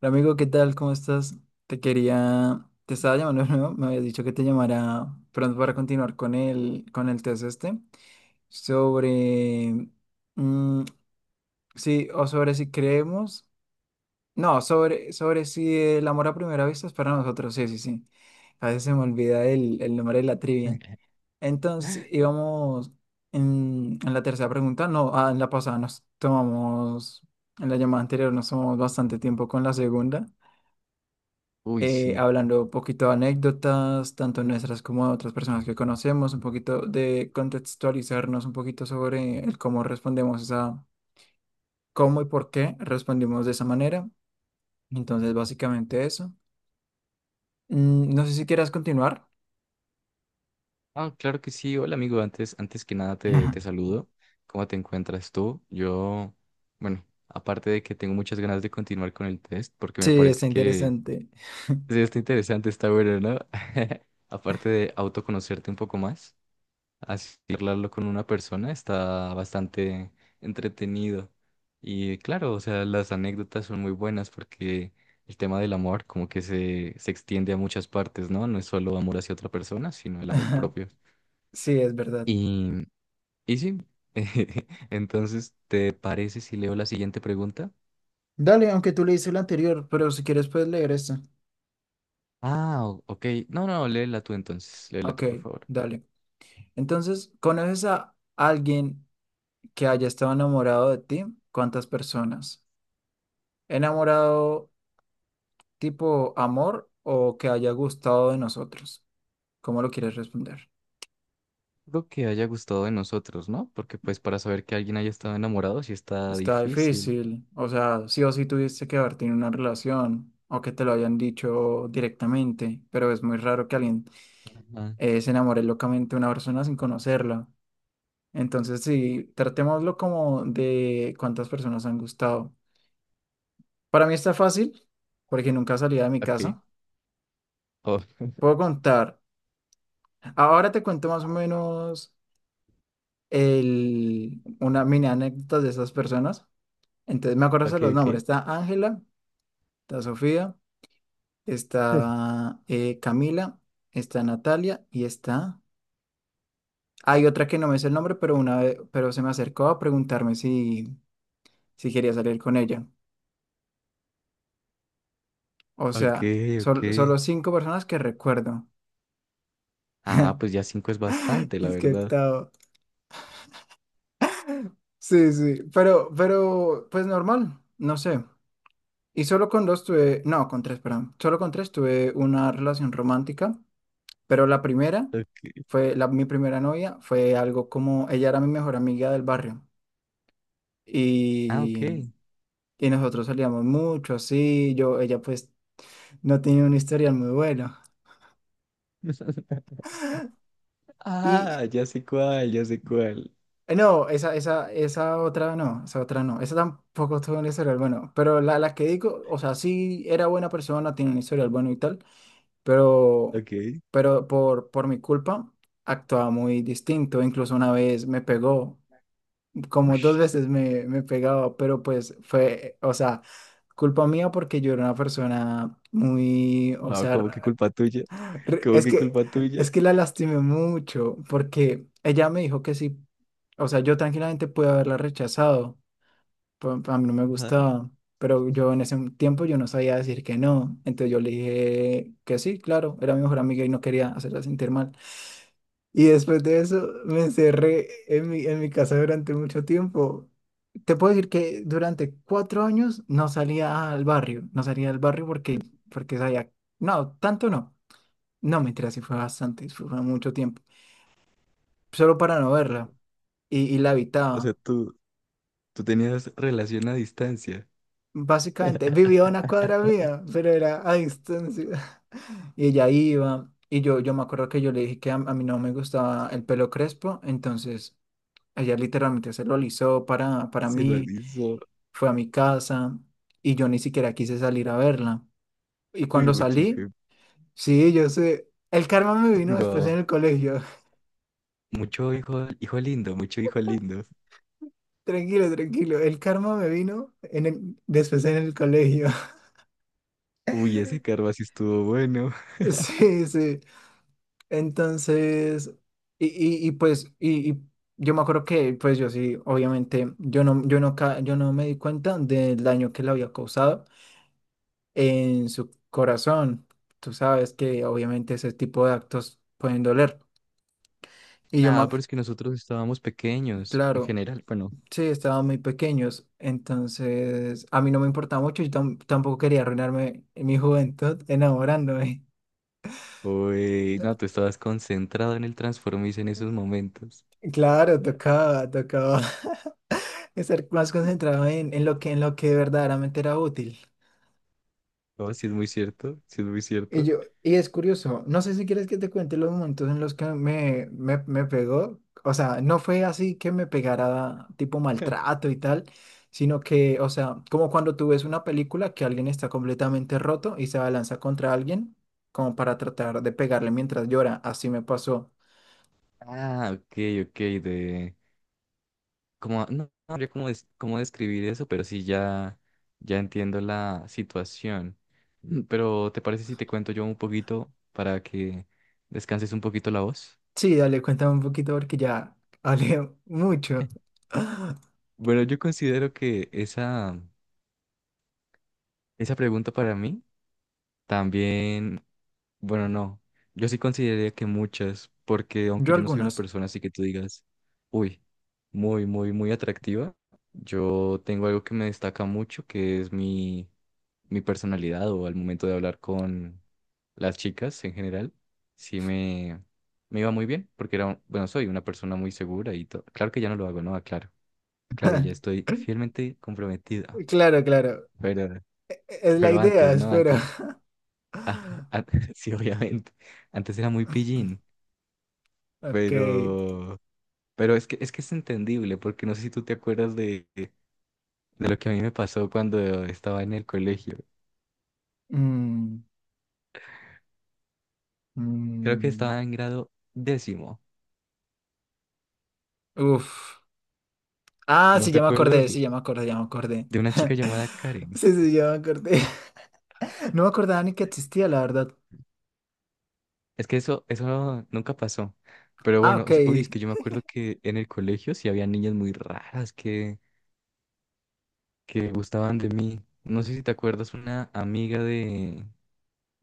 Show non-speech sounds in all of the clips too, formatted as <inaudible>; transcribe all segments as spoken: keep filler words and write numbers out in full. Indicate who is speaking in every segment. Speaker 1: Hola, Amigo, ¿qué tal? ¿Cómo estás? Te quería, te estaba llamando <laughs> de nuevo, me habías dicho que te llamara pronto para continuar con el, con el test este, sobre, mm, sí, o sobre si creemos, no, sobre, sobre si el amor a primera vista es para nosotros, sí, sí, sí, a veces se me olvida el, el nombre de la trivia.
Speaker 2: <laughs>
Speaker 1: Entonces, íbamos en, en la tercera pregunta, no, ah, en la pasada nos tomamos, en la llamada anterior nos tomamos bastante tiempo con la segunda.
Speaker 2: Uy,
Speaker 1: Eh,
Speaker 2: sí.
Speaker 1: hablando un poquito de anécdotas, tanto nuestras como de otras personas que conocemos, un poquito de contextualizarnos un poquito sobre el cómo respondemos a cómo y por qué respondimos de esa manera. Entonces, básicamente eso. Mm, no sé si quieras continuar.
Speaker 2: Ah, claro que sí. Hola, amigo. Antes, antes que nada te, te
Speaker 1: <laughs>
Speaker 2: saludo. ¿Cómo te encuentras tú? Yo, bueno, aparte de que tengo muchas ganas de continuar con el test, porque me
Speaker 1: Sí,
Speaker 2: parece
Speaker 1: está
Speaker 2: que
Speaker 1: interesante.
Speaker 2: sí, está interesante, está bueno, ¿no? <laughs> Aparte de autoconocerte un poco más. Así hablarlo con una persona está bastante entretenido. Y claro, o sea, las anécdotas son muy buenas porque el tema del amor como que se, se extiende a muchas partes, ¿no? No es solo amor hacia otra persona, sino el amor
Speaker 1: <laughs>
Speaker 2: propio.
Speaker 1: Sí, es verdad.
Speaker 2: Y, y sí, <laughs> entonces, ¿te parece si leo la siguiente pregunta?
Speaker 1: Dale, aunque tú leíste el anterior, pero si quieres puedes leer esta.
Speaker 2: Ah, o- ok. No, no, léela tú entonces, léela
Speaker 1: Ok,
Speaker 2: tú, por favor.
Speaker 1: dale. Entonces, ¿conoces a alguien que haya estado enamorado de ti? ¿Cuántas personas? ¿Enamorado tipo amor o que haya gustado de nosotros? ¿Cómo lo quieres responder?
Speaker 2: Lo que haya gustado de nosotros, ¿no? Porque pues para saber que alguien haya estado enamorado sí está
Speaker 1: Está
Speaker 2: difícil.
Speaker 1: difícil, o sea, sí o sí tuviste que haber tenido una relación o que te lo hayan dicho directamente, pero es muy raro que alguien
Speaker 2: Ah,
Speaker 1: eh, se enamore locamente de una persona sin conocerla. Entonces, sí, tratémoslo como de cuántas personas han gustado. Para mí está fácil porque nunca salía de mi
Speaker 2: ok.
Speaker 1: casa.
Speaker 2: Oh,
Speaker 1: Puedo contar. Ahora te cuento más o menos. El, una mini anécdota de esas personas. Entonces me acuerdo de
Speaker 2: ok,
Speaker 1: los
Speaker 2: ok.
Speaker 1: nombres. Está Ángela, está Sofía,
Speaker 2: <laughs>
Speaker 1: está eh, Camila, está Natalia y está... Hay otra que no me sé el nombre, pero una vez, pero se me acercó a preguntarme si, si quería salir con ella. O
Speaker 2: Ok,
Speaker 1: sea,
Speaker 2: ok.
Speaker 1: sol- solo cinco personas que recuerdo.
Speaker 2: Ah, pues
Speaker 1: <laughs>
Speaker 2: ya cinco es bastante, la
Speaker 1: Disque
Speaker 2: verdad.
Speaker 1: octavo. Sí, sí, pero, pero, pues normal, no sé. Y solo con dos tuve, no, con tres, perdón. Solo con tres tuve una relación romántica. Pero la primera
Speaker 2: Ok.
Speaker 1: fue, la, mi primera novia fue algo como, ella era mi mejor amiga del barrio
Speaker 2: Ah, ok.
Speaker 1: y, y nosotros salíamos mucho, así, yo, ella pues no tenía un historial muy bueno.
Speaker 2: <laughs>
Speaker 1: Y
Speaker 2: Ah, ya sé cuál, ya sé cuál.
Speaker 1: eh, no, esa, esa, esa otra no, esa otra no, esa tampoco tuvo un historial bueno, pero la, la que digo, o sea, sí era buena persona, tiene un historial bueno y tal, pero,
Speaker 2: Ok.
Speaker 1: pero por, por mi culpa actuaba muy distinto, incluso una vez me pegó. Como dos
Speaker 2: Ush.
Speaker 1: veces me, me pegaba, pero pues fue, o sea, culpa mía porque yo era una persona muy, o
Speaker 2: No,
Speaker 1: sea,
Speaker 2: como que
Speaker 1: r-
Speaker 2: culpa tuya.
Speaker 1: r-
Speaker 2: Como
Speaker 1: es
Speaker 2: que
Speaker 1: que,
Speaker 2: culpa tuya.
Speaker 1: es que la lastimé mucho porque ella me dijo que sí, o sea, yo tranquilamente pude haberla rechazado, pa- pa- a mí no me
Speaker 2: Ajá.
Speaker 1: gustaba, pero yo en ese tiempo yo no sabía decir que no, entonces yo le dije que sí, claro, era mi mejor amiga y no quería hacerla sentir mal. Y después de eso me encerré en mi, en mi casa durante mucho tiempo. Te puedo decir que durante cuatro años no salía al barrio, no salía al barrio porque, porque sabía, no, tanto no, no, mentira, sí fue bastante, fue fue mucho tiempo, solo para no verla y, y la
Speaker 2: O sea,
Speaker 1: habitaba.
Speaker 2: tú, tú tenías relación a distancia.
Speaker 1: Básicamente vivía a una cuadra mía, pero era a distancia. <laughs> Y ella iba, y yo, yo me acuerdo que yo le dije que a, a mí no me gustaba el pelo crespo, entonces ella literalmente se lo alisó para, para
Speaker 2: Se lo
Speaker 1: mí
Speaker 2: hizo.
Speaker 1: fue a mi casa y yo ni siquiera quise salir a verla. Y
Speaker 2: Uy,
Speaker 1: cuando
Speaker 2: mucho
Speaker 1: salí,
Speaker 2: hijo.
Speaker 1: sí, yo sé, el karma me vino después
Speaker 2: Digo,
Speaker 1: en el colegio.
Speaker 2: mucho hijo, hijo lindo, mucho hijo lindo.
Speaker 1: <laughs> Tranquilo, tranquilo, el karma me vino en el- después en el colegio. <laughs>
Speaker 2: Uy, ese karma sí estuvo bueno. <laughs>
Speaker 1: Sí, sí. Entonces, y, y, y pues, y, y yo me acuerdo que, pues yo sí, obviamente, yo no, yo no, ca- yo no me di cuenta del daño que le había causado en su corazón. Tú sabes que obviamente ese tipo de actos pueden doler. Y yo, me-
Speaker 2: Nada, pero es que nosotros estábamos pequeños, en
Speaker 1: claro,
Speaker 2: general. Bueno,
Speaker 1: sí, estaban muy pequeños, entonces a mí no me importaba mucho, yo tam- tampoco quería arruinarme mi juventud enamorándome. <laughs>
Speaker 2: uy, no, tú estabas concentrado en el Transformice en esos momentos.
Speaker 1: Claro, tocaba, tocaba <laughs> estar más concentrado en, en lo que, en lo que verdaderamente era útil.
Speaker 2: Oh, sí es muy cierto, sí es muy
Speaker 1: Y
Speaker 2: cierto.
Speaker 1: yo, y es curioso, no sé si quieres que te cuente los momentos en los que me, me, me pegó. O sea, no fue así que me pegara tipo
Speaker 2: <laughs>
Speaker 1: maltrato y tal, sino que, o sea, como cuando tú ves una película que alguien está completamente roto y se abalanza contra alguien, como para tratar de pegarle mientras llora. Así me pasó.
Speaker 2: Ah, ok, ok, de... Como, no, no habría cómo, des- cómo describir eso, pero sí ya, ya entiendo la situación. Mm, Pero, ¿te parece si te cuento yo un poquito para que descanses un poquito la voz?
Speaker 1: Sí, dale, cuéntame un poquito porque ya hablé mucho. <laughs>
Speaker 2: Bueno, yo considero que esa, esa pregunta para mí también bueno, no. Yo sí consideraría que muchas, porque aunque
Speaker 1: Yo
Speaker 2: yo no soy una
Speaker 1: algunas.
Speaker 2: persona así que tú digas, uy, muy, muy, muy atractiva, yo tengo algo que me destaca mucho, que es mi, mi personalidad o al momento de hablar con las chicas en general, sí me, me iba muy bien, porque era, un- bueno, soy una persona muy segura y todo. Claro que ya no lo hago, ¿no? Claro, claro, ya
Speaker 1: <laughs>
Speaker 2: estoy fielmente comprometida,
Speaker 1: Claro, claro.
Speaker 2: pero,
Speaker 1: e, Es la
Speaker 2: pero
Speaker 1: idea,
Speaker 2: antes, ¿no?
Speaker 1: espero.
Speaker 2: Antes,
Speaker 1: <laughs>
Speaker 2: <laughs> ah, an- sí, obviamente, antes era muy pillín.
Speaker 1: Ok.
Speaker 2: Pero, pero es que, es que es entendible, porque no sé si tú te acuerdas de, de lo que a mí me pasó cuando estaba en el colegio.
Speaker 1: mm,
Speaker 2: Creo que
Speaker 1: Mm,
Speaker 2: estaba en grado décimo.
Speaker 1: uf. Ah,
Speaker 2: ¿No
Speaker 1: sí,
Speaker 2: te
Speaker 1: ya me
Speaker 2: acuerdas
Speaker 1: acordé,
Speaker 2: de,
Speaker 1: sí, ya me acordé, ya me acordé.
Speaker 2: de una chica
Speaker 1: <laughs>
Speaker 2: llamada Karen?
Speaker 1: Sí, sí, ya me acordé. <laughs> No me acordaba ni que existía, la verdad.
Speaker 2: Es que eso, eso nunca pasó. Pero
Speaker 1: Ah,
Speaker 2: bueno,
Speaker 1: ok.
Speaker 2: o sea, uy, es que yo me acuerdo que en el colegio sí había niñas muy raras que, que gustaban de mí. No sé si te acuerdas una amiga de,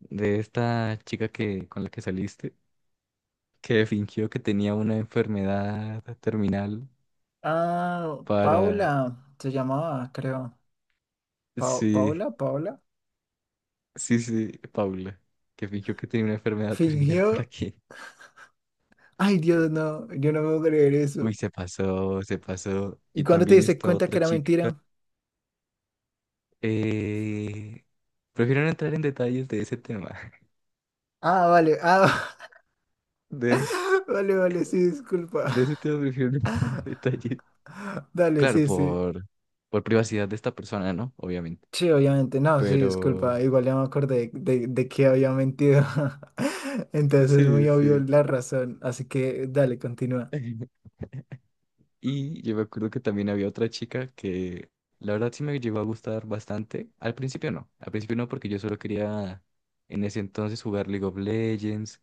Speaker 2: de esta chica que, con la que saliste, que fingió que tenía una enfermedad terminal.
Speaker 1: Ah,
Speaker 2: Para...
Speaker 1: Paula, se llamaba, creo. Pa-
Speaker 2: Sí,
Speaker 1: Paula, Paula.
Speaker 2: sí, sí, Paula, que fingió que tenía una enfermedad <laughs> terminal
Speaker 1: Fingió.
Speaker 2: para... que...
Speaker 1: Ay, Dios, no, yo no me puedo creer
Speaker 2: Uy,
Speaker 1: eso.
Speaker 2: se pasó, se pasó.
Speaker 1: ¿Y
Speaker 2: Y
Speaker 1: cuándo te
Speaker 2: también
Speaker 1: diste
Speaker 2: esta
Speaker 1: cuenta que
Speaker 2: otra
Speaker 1: era
Speaker 2: chica.
Speaker 1: mentira?
Speaker 2: Eh, Prefiero no entrar en detalles de ese tema. <laughs>
Speaker 1: Ah, vale, ah,
Speaker 2: De,
Speaker 1: <laughs> vale, vale, sí, disculpa.
Speaker 2: de ese tema prefiero no <laughs> entrar en detalles.
Speaker 1: <laughs> Dale,
Speaker 2: Claro,
Speaker 1: sí, sí.
Speaker 2: por, por privacidad de esta persona, ¿no? Obviamente.
Speaker 1: Sí, obviamente, no, sí,
Speaker 2: Pero
Speaker 1: disculpa, igual ya me acordé de, de que había mentido. <laughs> Entonces es
Speaker 2: sí,
Speaker 1: muy obvio
Speaker 2: sí.
Speaker 1: la razón, así que dale, continúa.
Speaker 2: <laughs> Y yo me acuerdo que también había otra chica que la verdad sí me llegó a gustar bastante. Al principio no, al principio no porque yo solo quería en ese entonces jugar League of Legends,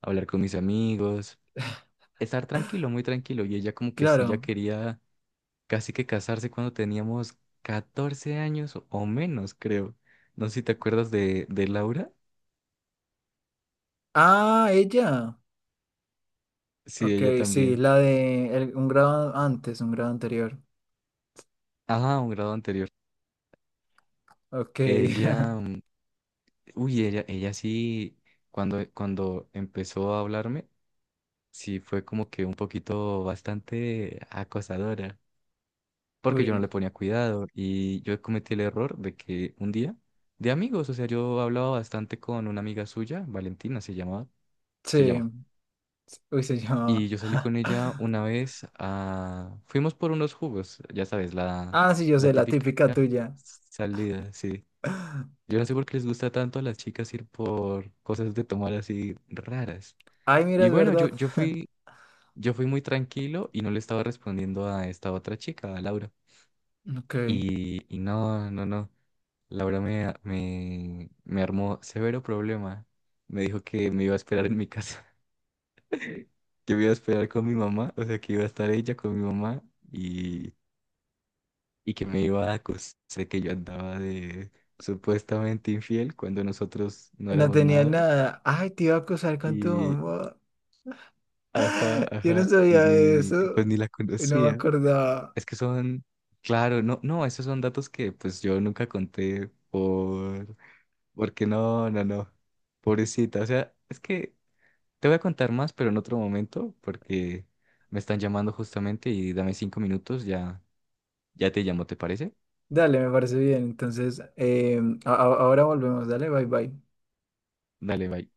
Speaker 2: hablar con mis amigos, estar tranquilo, muy tranquilo. Y ella como que sí ya
Speaker 1: Claro.
Speaker 2: quería casi que casarse cuando teníamos catorce años o o menos, creo. No sé si te acuerdas de, de Laura.
Speaker 1: Ah, ella.
Speaker 2: Sí,
Speaker 1: Ok,
Speaker 2: ella
Speaker 1: sí,
Speaker 2: también.
Speaker 1: la de el- un grado antes, un grado anterior.
Speaker 2: Ajá, un grado anterior.
Speaker 1: Ok.
Speaker 2: Ella,
Speaker 1: <laughs>
Speaker 2: mm, uy, ella, ella sí, cuando, cuando empezó a hablarme. Sí fue como que un poquito bastante acosadora, porque yo no
Speaker 1: Uy,
Speaker 2: le ponía cuidado y yo cometí el error de que un día, de amigos, o sea, yo hablaba bastante con una amiga suya, Valentina se llamaba, se
Speaker 1: sí,
Speaker 2: llama,
Speaker 1: uy, se
Speaker 2: y
Speaker 1: llamaba.
Speaker 2: yo salí con ella
Speaker 1: <laughs>
Speaker 2: una vez a, fuimos por unos jugos, ya sabes, la,
Speaker 1: Ah, sí, yo
Speaker 2: la
Speaker 1: sé, la
Speaker 2: típica
Speaker 1: típica tuya.
Speaker 2: salida, sí.
Speaker 1: <laughs>
Speaker 2: Yo no sé por qué les gusta tanto a las chicas ir por cosas de tomar así raras.
Speaker 1: Ay, mira,
Speaker 2: Y
Speaker 1: es
Speaker 2: bueno, yo,
Speaker 1: verdad.
Speaker 2: yo
Speaker 1: <laughs>
Speaker 2: fui yo fui muy tranquilo y no le estaba respondiendo a esta otra chica, a Laura.
Speaker 1: Ok.
Speaker 2: Y, y no, no, no. Laura me, me, me armó severo problema. Me dijo que me iba a esperar en mi casa, <laughs> que me iba a esperar con mi mamá, o sea, que iba a estar ella con mi mamá y, y que me iba a acusar de que yo andaba de supuestamente infiel cuando nosotros no
Speaker 1: No
Speaker 2: éramos
Speaker 1: tenía
Speaker 2: nada.
Speaker 1: nada. Ay, te iba a acusar con tu
Speaker 2: Y,
Speaker 1: mamá.
Speaker 2: ajá,
Speaker 1: <laughs> Yo no
Speaker 2: ajá, y
Speaker 1: sabía
Speaker 2: ni,
Speaker 1: eso,
Speaker 2: pues ni la
Speaker 1: no me
Speaker 2: conocía.
Speaker 1: acordaba.
Speaker 2: Es que son, claro, no, no, esos son datos que pues yo nunca conté por, porque no, no, no, pobrecita, o sea, es que te voy a contar más, pero en otro momento, porque me están llamando justamente y dame cinco minutos, ya, ya te llamo, ¿te parece?
Speaker 1: Dale, me parece bien. Entonces, em, a- a- ahora volvemos. Dale, bye bye.
Speaker 2: Dale, bye.